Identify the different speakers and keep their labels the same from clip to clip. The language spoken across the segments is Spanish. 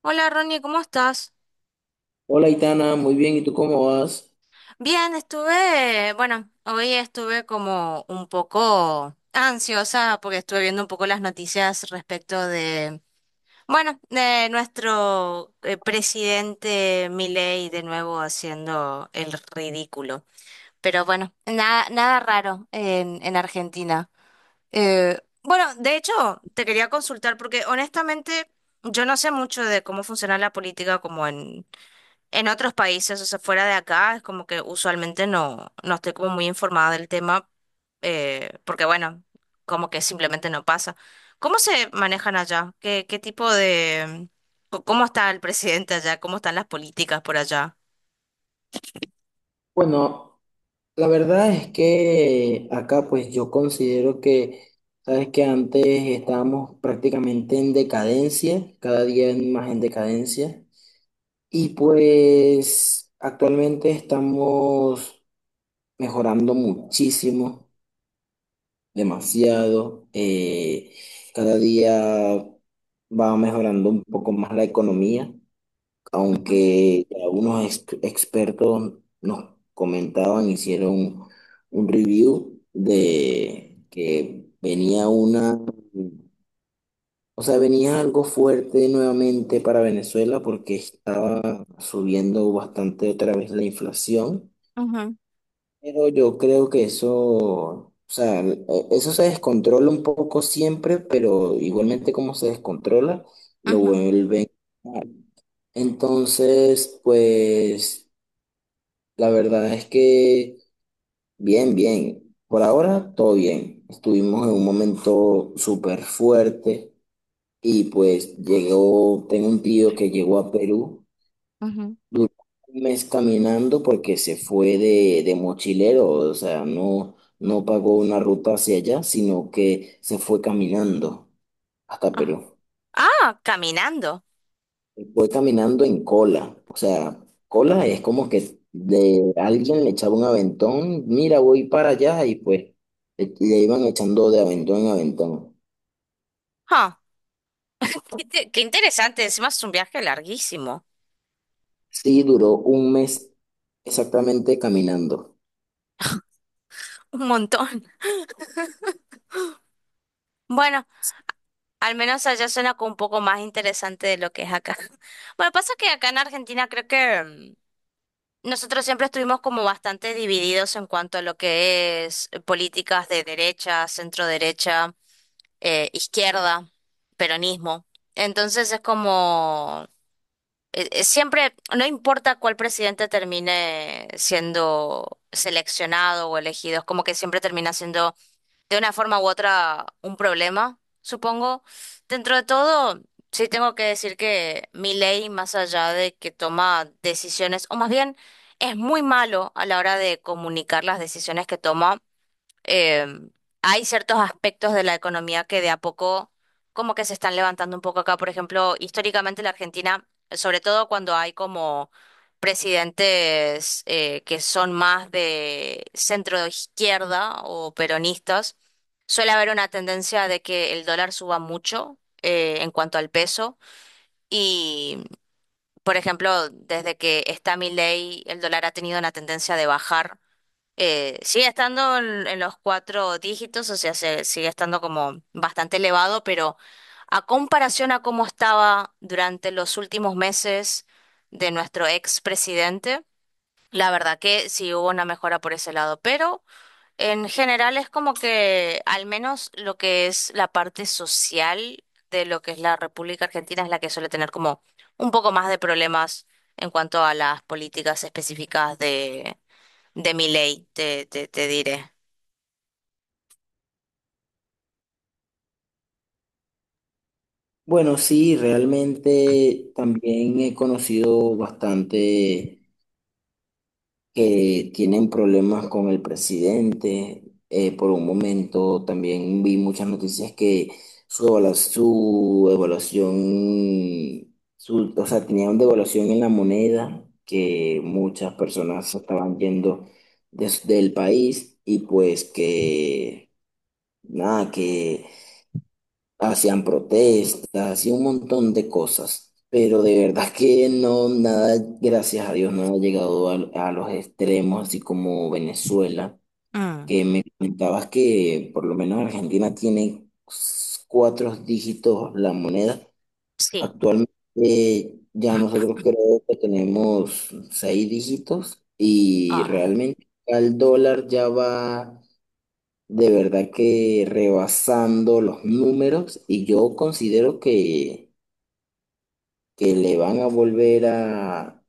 Speaker 1: Hola, Ronnie, ¿cómo estás?
Speaker 2: Hola, Itana, muy bien, ¿y tú cómo vas?
Speaker 1: Bien, estuve, bueno, hoy estuve como un poco ansiosa porque estuve viendo un poco las noticias respecto de, bueno, de nuestro presidente Milei de nuevo haciendo el ridículo. Pero bueno, nada, nada raro en Argentina. Bueno, de hecho, te quería consultar porque honestamente yo no sé mucho de cómo funciona la política como en otros países, o sea, fuera de acá, es como que usualmente no estoy como muy informada del tema, porque bueno, como que simplemente no pasa. ¿Cómo se manejan allá? ¿Qué, qué tipo de... cómo está el presidente allá? ¿Cómo están las políticas por allá?
Speaker 2: Bueno, la verdad es que acá pues yo considero que, sabes que antes estábamos prácticamente en decadencia, cada día más en decadencia, y pues actualmente estamos mejorando muchísimo, demasiado, cada día va mejorando un poco más la economía.
Speaker 1: Ujú,
Speaker 2: Aunque algunos expertos nos comentaban, hicieron un review de que venía una, o sea, venía algo fuerte nuevamente para Venezuela porque estaba subiendo bastante otra vez la inflación,
Speaker 1: ujú,
Speaker 2: pero yo creo que eso, o sea, eso se descontrola un poco siempre, pero igualmente como se descontrola, lo
Speaker 1: ujú,
Speaker 2: vuelven. a- Entonces, pues... La verdad es que bien, bien. Por ahora todo bien. Estuvimos en un momento súper fuerte y pues llegó, tengo un tío que llegó a Perú,
Speaker 1: ujú.
Speaker 2: duró un mes caminando porque se fue de mochilero, o sea, no pagó una ruta hacia allá, sino que se fue caminando hasta
Speaker 1: Ah,
Speaker 2: Perú.
Speaker 1: ah, caminando.
Speaker 2: Fue caminando en cola. O sea, cola es como que de alguien le echaba un aventón, mira, voy para allá y pues le iban echando de aventón en aventón.
Speaker 1: Ah, qué, qué interesante. Encima es un viaje larguísimo.
Speaker 2: Sí, duró un mes exactamente caminando.
Speaker 1: Un montón. Bueno, al menos allá suena como un poco más interesante de lo que es acá. Bueno, pasa que acá en Argentina creo que nosotros siempre estuvimos como bastante divididos en cuanto a lo que es políticas de derecha, centro derecha, izquierda, peronismo. Entonces es como siempre, no importa cuál presidente termine siendo seleccionado o elegido, es como que siempre termina siendo de una forma u otra un problema, supongo. Dentro de todo, sí tengo que decir que ley, más allá de que toma decisiones, o más bien es muy malo a la hora de comunicar las decisiones que toma, em, hay ciertos aspectos de la economía que de a poco como que se están levantando un poco acá. Por ejemplo, históricamente la Argentina, sobre todo cuando hay como presidentes que son más de centro izquierda o peronistas, suele haber una tendencia de que el dólar suba mucho en cuanto al peso y... Por ejemplo, desde que está Milei, el dólar ha tenido una tendencia de bajar, sigue estando en los cuatro dígitos, o sea, sigue estando como bastante elevado, pero a comparación a cómo estaba durante los últimos meses de nuestro expresidente, la verdad que sí hubo una mejora por ese lado, pero en general es como que al menos lo que es la parte social de lo que es la República Argentina es la que suele tener como un poco más de problemas en cuanto a las políticas específicas de mi ley, te diré.
Speaker 2: Bueno, sí, realmente también he conocido bastante que tienen problemas con el presidente. Por un momento también vi muchas noticias que su evaluación, su, o sea, tenían devaluación en la moneda, que muchas personas se estaban yendo del país y pues que, nada, que hacían protestas y un montón de cosas, pero de verdad que no, nada, gracias a Dios, no ha llegado a los extremos, así como Venezuela,
Speaker 1: Mm.
Speaker 2: que me comentabas que por lo menos Argentina tiene cuatro dígitos la moneda.
Speaker 1: Sí,
Speaker 2: Actualmente ya nosotros creo que tenemos seis dígitos y
Speaker 1: ajá.
Speaker 2: realmente el dólar ya va. De verdad que rebasando los números y yo considero que le van a volver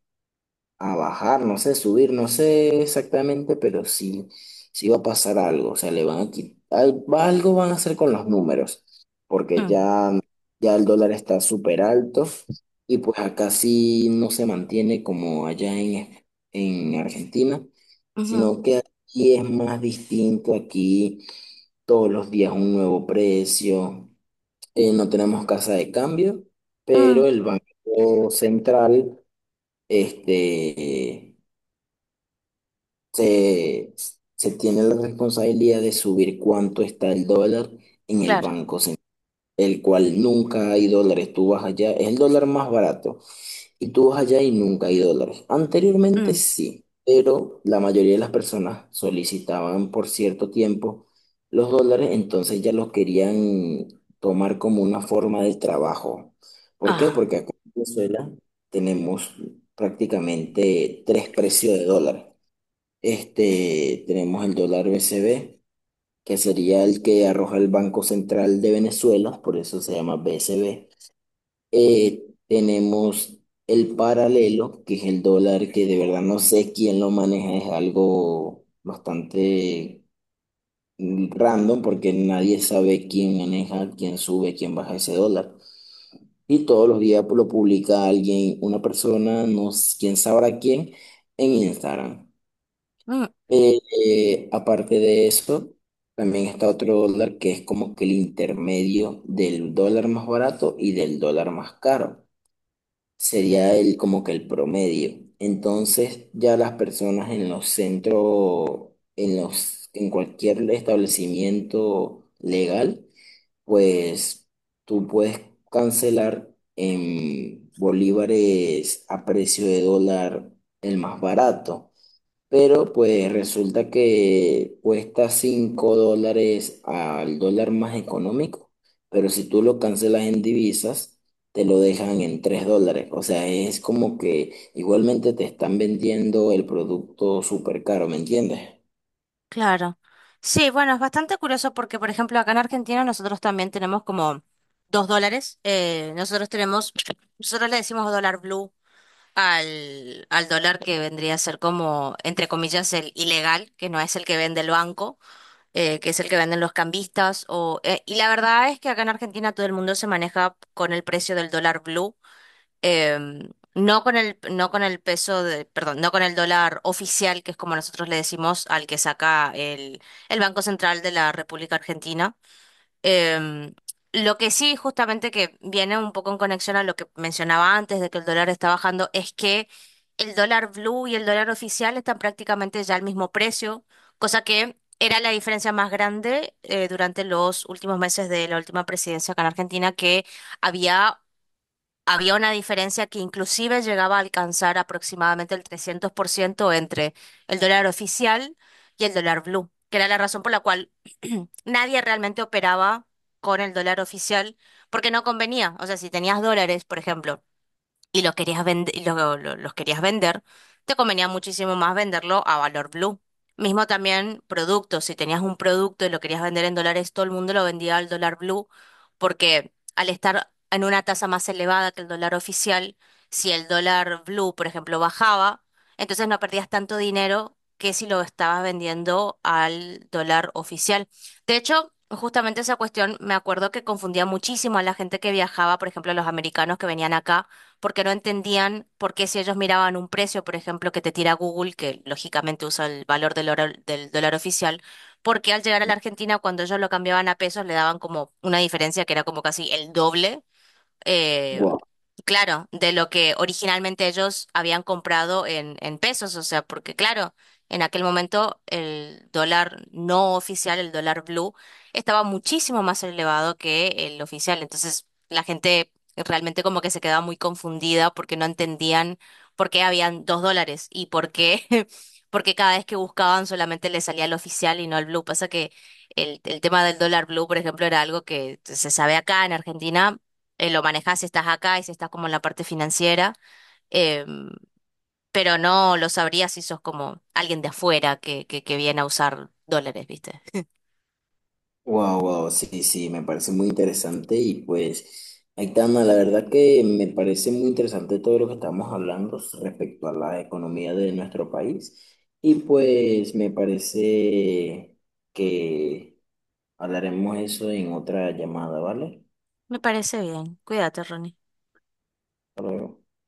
Speaker 2: a bajar, no sé, subir, no sé exactamente, pero sí, sí va a pasar algo, o sea, le van a quitar, algo van a hacer con los números, porque
Speaker 1: Mm,
Speaker 2: ya, ya el dólar está súper alto y pues acá sí no se mantiene como allá en Argentina,
Speaker 1: ujú,
Speaker 2: sino que aquí es más distinto, aquí todos los días un nuevo precio. No tenemos casa de cambio, pero
Speaker 1: mm,
Speaker 2: el Banco Central este, se, se tiene la responsabilidad de subir cuánto está el dólar en el
Speaker 1: claro.
Speaker 2: Banco Central, el cual nunca hay dólares. Tú vas allá, es el dólar más barato. Y tú vas allá y nunca hay dólares. Anteriormente
Speaker 1: Mm,
Speaker 2: sí, pero la mayoría de las personas solicitaban por cierto tiempo los dólares, entonces ya los querían tomar como una forma de trabajo. ¿Por qué?
Speaker 1: ajá.
Speaker 2: Porque acá en Venezuela tenemos prácticamente tres precios de dólar. Este, tenemos el dólar BCB, que sería el que arroja el Banco Central de Venezuela, por eso se llama BCB. Tenemos el paralelo, que es el dólar, que de verdad no sé quién lo maneja, es algo bastante random porque nadie sabe quién maneja, quién sube, quién baja ese dólar. Y todos los días lo publica alguien, una persona, no s- quién sabrá quién, en Instagram.
Speaker 1: Mm,
Speaker 2: Eh, Aparte de eso, también está otro dólar que es como que el intermedio del dólar más barato y del dólar más caro. Sería el, como que, el promedio. Entonces, ya las personas en los centros, en cualquier establecimiento legal, pues tú puedes cancelar en bolívares a precio de dólar el más barato. Pero pues resulta que cuesta 5 dólares al dólar más económico, pero si tú lo cancelas en divisas, te lo dejan en 3 dólares. O sea, es como que igualmente te están vendiendo el producto súper caro, ¿me entiendes?
Speaker 1: claro. Sí, bueno, es bastante curioso porque, por ejemplo, acá en Argentina nosotros también tenemos como dos dólares. Nosotros tenemos, nosotros le decimos dólar blue al dólar que vendría a ser como, entre comillas, el ilegal, que no es el que vende el banco. Que es el que venden los cambistas. Y la verdad es que acá en Argentina todo el mundo se maneja con el precio del dólar blue, no con el, no con el peso de, perdón, no con el dólar oficial, que es como nosotros le decimos al que saca el Banco Central de la República Argentina. Em, lo que sí, justamente que viene un poco en conexión a lo que mencionaba antes de que el dólar está bajando, es que el dólar blue y el dólar oficial están prácticamente ya al mismo precio, cosa que era la diferencia más grande durante los últimos meses de la última presidencia acá en Argentina, que había había una diferencia que inclusive llegaba a alcanzar aproximadamente el 300% entre el dólar oficial y el dólar blue, que era la razón por la cual nadie realmente operaba con el dólar oficial porque no convenía. O sea, si tenías dólares, por ejemplo, y lo querías y los querías vender, te convenía muchísimo más venderlo a valor blue. Mismo también productos, si tenías un producto y lo querías vender en dólares, todo el mundo lo vendía al dólar blue, porque al estar en una tasa más elevada que el dólar oficial, si el dólar blue, por ejemplo, bajaba, entonces no perdías tanto dinero que si lo estabas vendiendo al dólar oficial. De hecho, justamente esa cuestión me acuerdo que confundía muchísimo a la gente que viajaba, por ejemplo, a los americanos que venían acá porque no entendían por qué si ellos miraban un precio, por ejemplo, que te tira Google, que lógicamente usa el valor del dólar oficial, porque al llegar a la Argentina, cuando ellos lo cambiaban a pesos, le daban como una diferencia que era como casi el doble, eh,
Speaker 2: Guau.
Speaker 1: claro, de lo que originalmente ellos habían comprado en pesos, o sea, porque claro, en aquel momento el dólar no oficial, el dólar blue, estaba muchísimo más elevado que el oficial, entonces la gente realmente como que se quedaba muy confundida porque no entendían por qué habían dos dólares y por qué, porque cada vez que buscaban solamente les salía el oficial y no el blue, pasa que... El tema del dólar blue, por ejemplo, era algo que se sabe acá en Argentina, lo manejas si estás acá y si estás como en la parte financiera, eh, pero no lo sabrías si sos como alguien de afuera que viene a usar dólares, ¿viste?
Speaker 2: Wow, wow, sí, sí, me parece muy interesante y pues, Aitana, la verdad que me parece muy interesante todo lo que estamos hablando respecto a la economía de nuestro país y pues me parece que hablaremos eso en otra llamada, ¿vale?
Speaker 1: Me parece bien. Cuídate, Ronnie.
Speaker 2: Hasta luego.